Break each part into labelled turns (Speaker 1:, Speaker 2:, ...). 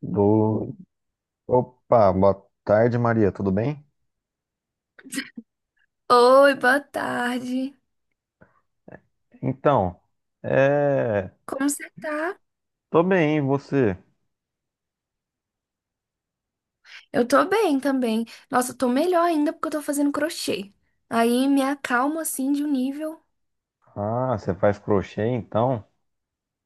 Speaker 1: Do... Opa, boa tarde, Maria, tudo bem?
Speaker 2: Oi, boa tarde.
Speaker 1: Então, é...
Speaker 2: Como você tá?
Speaker 1: tô bem, e você?
Speaker 2: Eu tô bem também. Nossa, eu tô melhor ainda porque eu tô fazendo crochê. Aí me acalmo assim de um nível.
Speaker 1: Ah, você faz crochê, então?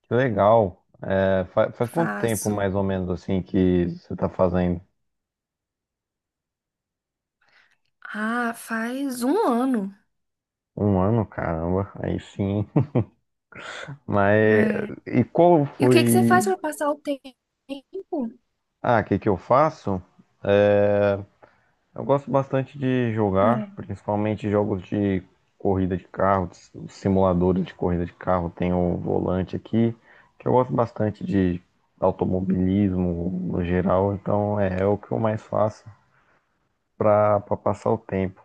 Speaker 1: Que legal. Faz quanto tempo,
Speaker 2: Faço.
Speaker 1: mais ou menos, assim, que você tá fazendo?
Speaker 2: Ah, faz 1 ano.
Speaker 1: Um ano, caramba, aí sim. Mas,
Speaker 2: É.
Speaker 1: e qual
Speaker 2: E o que que você faz
Speaker 1: foi...
Speaker 2: pra passar o tempo?
Speaker 1: Ah, o que que eu faço? É, Eu gosto bastante de jogar,
Speaker 2: É.
Speaker 1: principalmente jogos de corrida de carro, de simuladores de corrida de carro. Tem o volante aqui, que eu gosto bastante de automobilismo no geral, então é o que eu mais faço pra passar o tempo.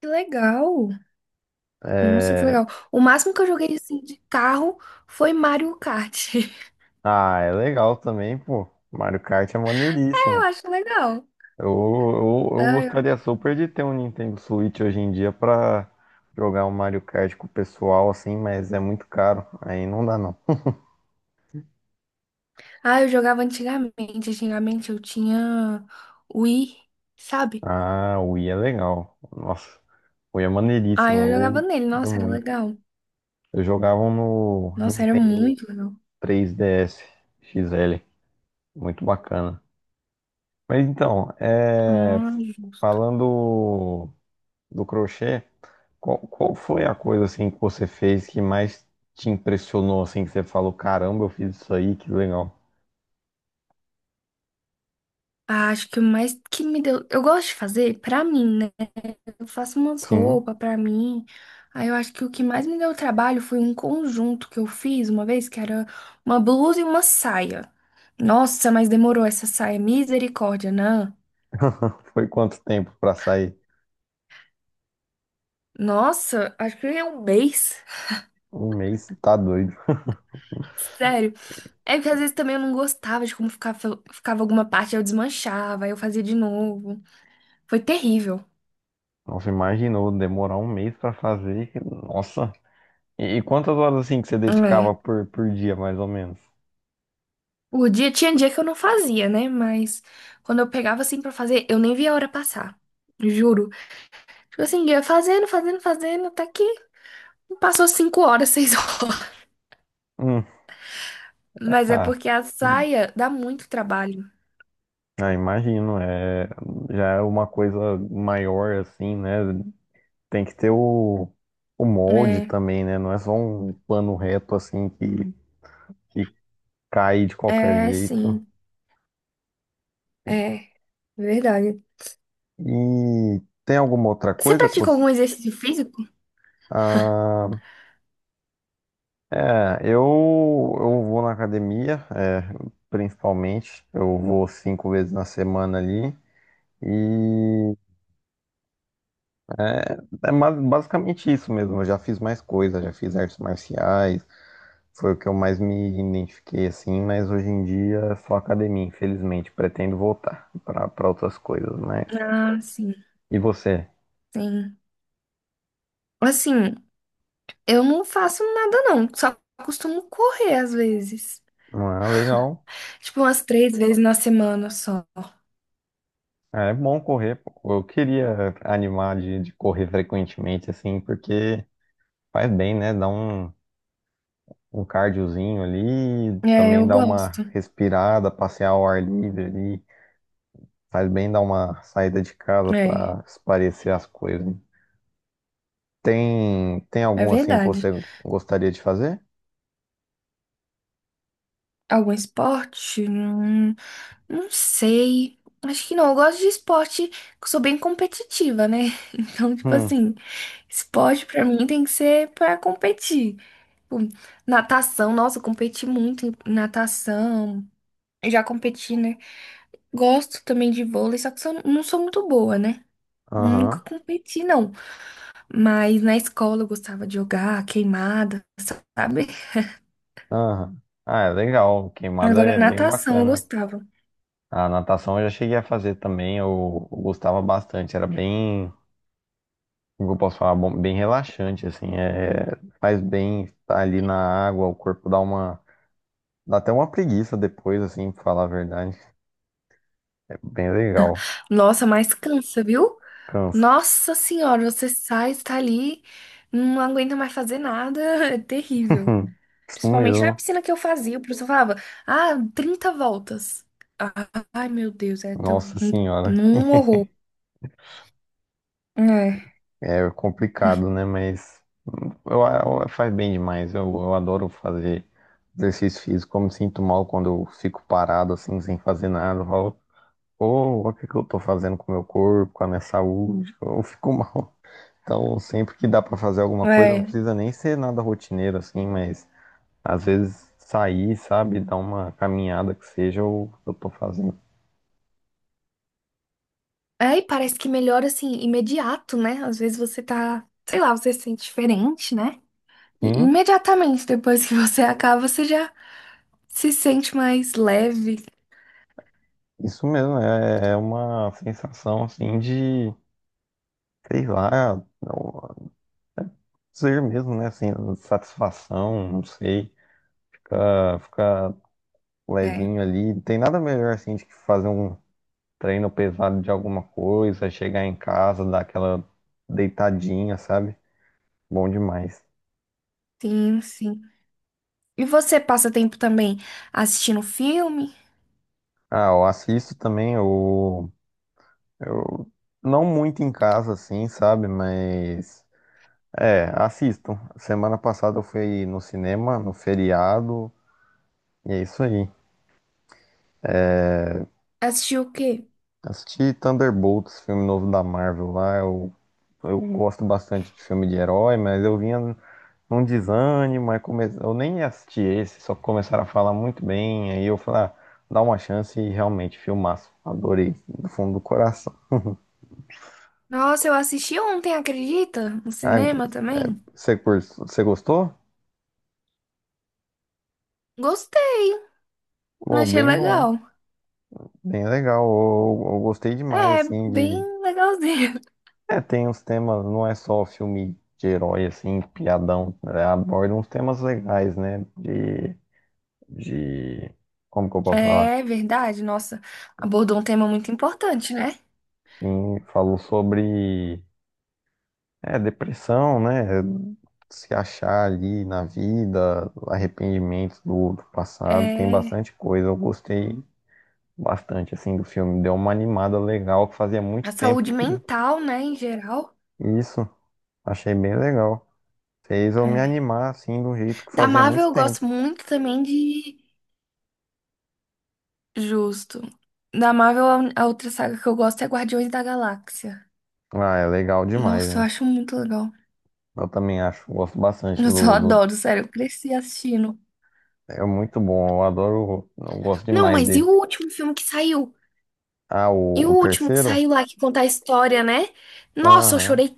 Speaker 2: Que legal. Nossa, que
Speaker 1: É,
Speaker 2: legal. O máximo que eu joguei assim de carro foi Mario Kart.
Speaker 1: Ah, é legal também, pô. Mario Kart é
Speaker 2: Eu
Speaker 1: maneiríssimo.
Speaker 2: acho legal.
Speaker 1: Eu
Speaker 2: Ah, eu,
Speaker 1: gostaria super de ter um Nintendo Switch hoje em dia pra jogar um Mario Kart com o pessoal, assim, mas é muito caro. Aí não dá, não.
Speaker 2: ah, eu jogava antigamente. Antigamente eu tinha Wii, sabe?
Speaker 1: Ah, o Wii é legal. Nossa, o Wii é
Speaker 2: Ah, eu jogava
Speaker 1: maneiríssimo.
Speaker 2: nele.
Speaker 1: Eu ia
Speaker 2: Nossa, era
Speaker 1: muito.
Speaker 2: legal.
Speaker 1: Eu jogava no
Speaker 2: Nossa, era
Speaker 1: Nintendo
Speaker 2: muito legal.
Speaker 1: 3DS XL. Muito bacana. Mas então,
Speaker 2: Ah, justo.
Speaker 1: falando do crochê, qual foi a coisa assim que você fez que mais te impressionou, assim, que você falou, caramba, eu fiz isso aí, que legal.
Speaker 2: Ah, acho que o mais que me deu. Eu gosto de fazer pra mim, né? Eu faço umas
Speaker 1: Sim,
Speaker 2: roupas pra mim. Aí eu acho que o que mais me deu trabalho foi um conjunto que eu fiz uma vez, que era uma blusa e uma saia. Nossa, mas demorou essa saia. Misericórdia, né?
Speaker 1: foi quanto tempo pra sair?
Speaker 2: Nossa, acho que é 1 mês.
Speaker 1: Um mês, tá doido.
Speaker 2: Sério. É que às vezes também eu não gostava de como ficava, ficava alguma parte, eu desmanchava, aí eu fazia de novo. Foi terrível.
Speaker 1: Nossa, imaginou demorar um mês pra fazer. Nossa. E quantas horas assim que você
Speaker 2: É.
Speaker 1: dedicava por dia, mais ou menos?
Speaker 2: O dia tinha dia que eu não fazia, né? Mas quando eu pegava assim pra fazer, eu nem via a hora passar. Juro. Tipo assim, eu ia fazendo, fazendo, fazendo, até que passou 5 horas, 6 horas.
Speaker 1: Hum,
Speaker 2: Mas é
Speaker 1: ah,
Speaker 2: porque a
Speaker 1: hum,
Speaker 2: saia dá muito trabalho.
Speaker 1: ah, imagino, já é uma coisa maior assim, né? Tem que ter o molde
Speaker 2: É,
Speaker 1: também, né? Não é só um plano reto assim que cai de qualquer
Speaker 2: é
Speaker 1: jeito.
Speaker 2: sim. É, verdade.
Speaker 1: E tem alguma outra
Speaker 2: Você
Speaker 1: coisa que
Speaker 2: pratica
Speaker 1: você...
Speaker 2: algum exercício físico?
Speaker 1: Ah, é, eu, eu vou na academia, principalmente. Eu vou cinco vezes na semana ali. E É basicamente isso mesmo. Eu já fiz mais coisa, já fiz artes marciais, foi o que eu mais me identifiquei assim, mas hoje em dia é só academia, infelizmente. Pretendo voltar para outras coisas, mas.
Speaker 2: Ah, sim,
Speaker 1: E você?
Speaker 2: sim. Assim, eu não faço nada não, só costumo correr às vezes.
Speaker 1: Ah, legal.
Speaker 2: Tipo, umas 3 vezes na semana só.
Speaker 1: É bom correr, pô. Eu queria animar de correr frequentemente, assim, porque faz bem, né? Dá um cardiozinho ali,
Speaker 2: É,
Speaker 1: também
Speaker 2: eu
Speaker 1: dá uma
Speaker 2: gosto.
Speaker 1: respirada, passear ao ar livre ali. Faz bem dar uma saída de casa
Speaker 2: É,
Speaker 1: para espairecer as coisas, hein? Tem
Speaker 2: é
Speaker 1: algum assim que
Speaker 2: verdade.
Speaker 1: você gostaria de fazer?
Speaker 2: Algum esporte? Não, não sei. Acho que não. Eu gosto de esporte, eu sou bem competitiva, né? Então, tipo
Speaker 1: Hum,
Speaker 2: assim, esporte pra mim tem que ser pra competir. Tipo, natação, nossa, eu competi muito em natação. Eu já competi, né? Gosto também de vôlei, só que não sou muito boa, né? Nunca
Speaker 1: aham,
Speaker 2: competi, não. Mas na escola eu gostava de jogar queimada, sabe?
Speaker 1: aham. Ah, é legal. Queimada
Speaker 2: Agora
Speaker 1: é bem
Speaker 2: natação eu
Speaker 1: bacana.
Speaker 2: gostava.
Speaker 1: A natação eu já cheguei a fazer também. Eu gostava bastante. Era bem, como eu posso falar, bom, bem relaxante, assim. Faz bem estar ali na água, o corpo dá até uma preguiça depois, assim, pra falar a verdade. É bem legal.
Speaker 2: Nossa, mas cansa, viu?
Speaker 1: Cansa.
Speaker 2: Nossa senhora, você sai, está ali, não aguenta mais fazer nada, é terrível.
Speaker 1: Isso
Speaker 2: Principalmente na
Speaker 1: mesmo.
Speaker 2: piscina que eu fazia, o professor falava, ah, 30 voltas. Ah, ai, meu Deus, é tão
Speaker 1: Nossa senhora.
Speaker 2: um horror. É,
Speaker 1: É complicado, né? Mas eu, faz bem demais. Eu adoro fazer exercício físico. Eu me sinto mal quando eu fico parado, assim, sem fazer nada. Eu falo, pô, o que que eu tô fazendo com o meu corpo, com a minha saúde? Eu fico mal. Então, sempre que dá pra fazer alguma coisa, não
Speaker 2: é.
Speaker 1: precisa nem ser nada rotineiro, assim, mas às vezes sair, sabe? Dar uma caminhada que seja, eu tô fazendo.
Speaker 2: É, e parece que melhora, assim, imediato, né? Às vezes você tá, sei lá, você se sente diferente, né? E
Speaker 1: Sim,
Speaker 2: imediatamente depois que você acaba, você já se sente mais leve.
Speaker 1: isso mesmo. É uma sensação, assim, de, sei lá. Ser mesmo, né? Assim, satisfação, não sei. Ficar
Speaker 2: É,
Speaker 1: levinho ali. Tem nada melhor assim de que fazer um treino pesado de alguma coisa, chegar em casa, dar aquela deitadinha, sabe? Bom demais.
Speaker 2: sim, sim. E você passa tempo também assistindo filme?
Speaker 1: Ah, eu assisto também, eu não muito em casa, assim, sabe? Mas assisto. Semana passada eu fui no cinema, no feriado, e é isso aí.
Speaker 2: Assistiu o quê?
Speaker 1: Assisti Thunderbolts, filme novo da Marvel lá. Eu gosto bastante de filme de herói, mas eu vinha num desânimo, aí come... eu nem assisti esse, só que começaram a falar muito bem, aí eu falei, ah, dá uma chance e realmente, filmaço. Adorei, do fundo do coração.
Speaker 2: Nossa, eu assisti ontem, acredita? No
Speaker 1: Ah,
Speaker 2: cinema também.
Speaker 1: você gostou?
Speaker 2: Gostei,
Speaker 1: Pô,
Speaker 2: achei
Speaker 1: bem bom,
Speaker 2: legal.
Speaker 1: bem legal. Eu gostei demais,
Speaker 2: É,
Speaker 1: assim, de.
Speaker 2: bem legalzinho.
Speaker 1: É, tem uns temas, não é só filme de herói, assim, piadão, né? Aborda uns temas legais, né? De, de. Como que eu posso falar?
Speaker 2: É verdade, nossa, abordou um tema muito importante, né?
Speaker 1: Sim, falou sobre depressão, né? Se achar ali na vida, arrependimento do passado, tem
Speaker 2: É
Speaker 1: bastante coisa. Eu gostei bastante, assim, do filme. Deu uma animada legal, que fazia
Speaker 2: a
Speaker 1: muito tempo
Speaker 2: saúde
Speaker 1: que
Speaker 2: mental, né, em geral.
Speaker 1: isso. Achei bem legal. Fez eu me
Speaker 2: É.
Speaker 1: animar, assim, do jeito que
Speaker 2: Da
Speaker 1: fazia
Speaker 2: Marvel
Speaker 1: muito
Speaker 2: eu gosto
Speaker 1: tempo.
Speaker 2: muito também de justo. Da Marvel, a outra saga que eu gosto é Guardiões da Galáxia.
Speaker 1: Ah, é legal demais,
Speaker 2: Nossa, eu
Speaker 1: né?
Speaker 2: acho muito legal.
Speaker 1: Eu também acho, gosto bastante
Speaker 2: Eu só
Speaker 1: do, do...
Speaker 2: adoro, sério, eu cresci assistindo.
Speaker 1: É muito bom, eu adoro, eu gosto
Speaker 2: Não,
Speaker 1: demais
Speaker 2: mas e
Speaker 1: dele.
Speaker 2: o último filme que saiu?
Speaker 1: Ah,
Speaker 2: E
Speaker 1: o,
Speaker 2: o
Speaker 1: o
Speaker 2: último que
Speaker 1: terceiro?
Speaker 2: saiu lá que conta a história, né? Nossa, eu
Speaker 1: Aham.
Speaker 2: chorei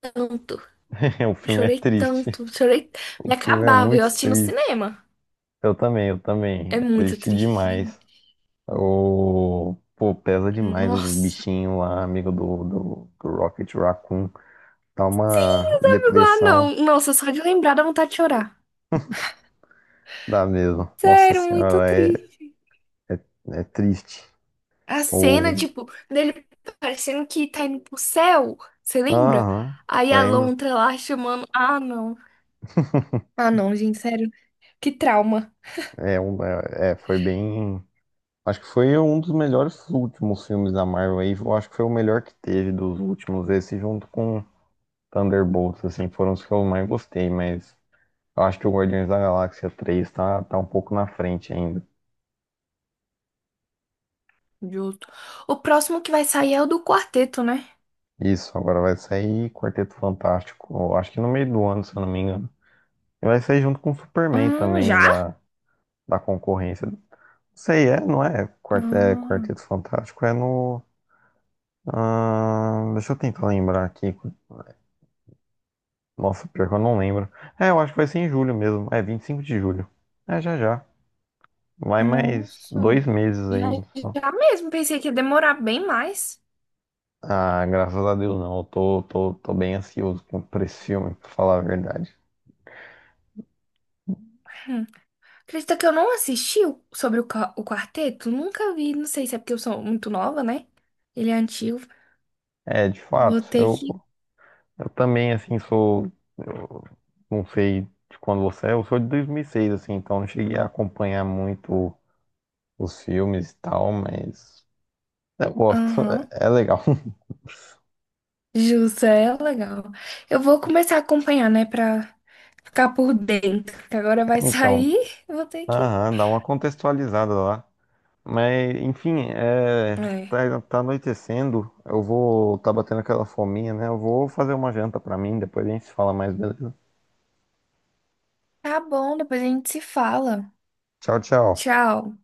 Speaker 2: tanto.
Speaker 1: O filme é
Speaker 2: Chorei
Speaker 1: triste.
Speaker 2: tanto, chorei.
Speaker 1: O
Speaker 2: Me
Speaker 1: filme é
Speaker 2: acabava, eu
Speaker 1: muito
Speaker 2: assisti no
Speaker 1: triste.
Speaker 2: cinema.
Speaker 1: Eu também, eu também.
Speaker 2: É
Speaker 1: É
Speaker 2: muito
Speaker 1: triste
Speaker 2: triste,
Speaker 1: demais.
Speaker 2: gente.
Speaker 1: O... Pô, pesa demais os
Speaker 2: Nossa.
Speaker 1: bichinhos lá, amigo do Rocket Raccoon. Dá
Speaker 2: Sim,
Speaker 1: uma
Speaker 2: os amigos lá,
Speaker 1: depressão,
Speaker 2: não. Nossa, só de lembrar dá vontade de chorar.
Speaker 1: dá mesmo. Nossa
Speaker 2: Sério, muito
Speaker 1: senhora,
Speaker 2: triste.
Speaker 1: é, é triste.
Speaker 2: A cena,
Speaker 1: O...
Speaker 2: tipo, dele parecendo que tá indo pro céu. Você lembra?
Speaker 1: Aham,
Speaker 2: Aí a
Speaker 1: lembro.
Speaker 2: lontra lá chamando. Ah, não. Ah, não, gente, sério. Que trauma.
Speaker 1: Foi bem. Acho que foi um dos melhores últimos filmes da Marvel aí. Eu acho que foi o melhor que teve dos últimos. Esse junto com Thunderbolts, assim, foram os que eu mais gostei, mas. Eu acho que o Guardiões da Galáxia 3 tá um pouco na frente ainda.
Speaker 2: Justo. O próximo que vai sair é o do quarteto, né?
Speaker 1: Isso, agora vai sair Quarteto Fantástico, eu acho que no meio do ano, se eu não me engano. E vai sair junto com o Superman também,
Speaker 2: Já?
Speaker 1: da concorrência. Não sei, não é?
Speaker 2: Ah,
Speaker 1: Quarteto Fantástico é no. Ah, deixa eu tentar lembrar aqui. Nossa, pior que eu não lembro. É, eu acho que vai ser em julho mesmo. É, 25 de julho. É, já já. Vai mais
Speaker 2: nossa.
Speaker 1: 2 meses
Speaker 2: Já,
Speaker 1: aí, só.
Speaker 2: já mesmo. Pensei que ia demorar bem mais.
Speaker 1: Ah, graças a Deus não. Eu tô bem ansioso por esse filme, pra falar a verdade.
Speaker 2: Hum. Acredita que eu não assisti sobre o, o quarteto? Nunca vi. Não sei se é porque eu sou muito nova, né? Ele é antigo.
Speaker 1: É, de
Speaker 2: Vou
Speaker 1: fato,
Speaker 2: ter
Speaker 1: eu,
Speaker 2: que.
Speaker 1: eu também, assim, sou. Eu não sei de quando você é, eu sou de 2006, assim, então não cheguei a acompanhar muito os filmes e tal, mas eu gosto, é,
Speaker 2: Aham.
Speaker 1: é legal.
Speaker 2: Justo, é legal. Eu vou começar a acompanhar, né? Pra ficar por dentro. Que agora vai
Speaker 1: Então,
Speaker 2: sair. Eu vou ter que.
Speaker 1: aham, dá uma contextualizada lá. Mas, enfim,
Speaker 2: É.
Speaker 1: tá anoitecendo, eu vou. Tá batendo aquela fominha, né? Eu vou fazer uma janta pra mim, depois a gente se fala mais, beleza?
Speaker 2: Tá bom, depois a gente se fala.
Speaker 1: Tchau, tchau.
Speaker 2: Tchau.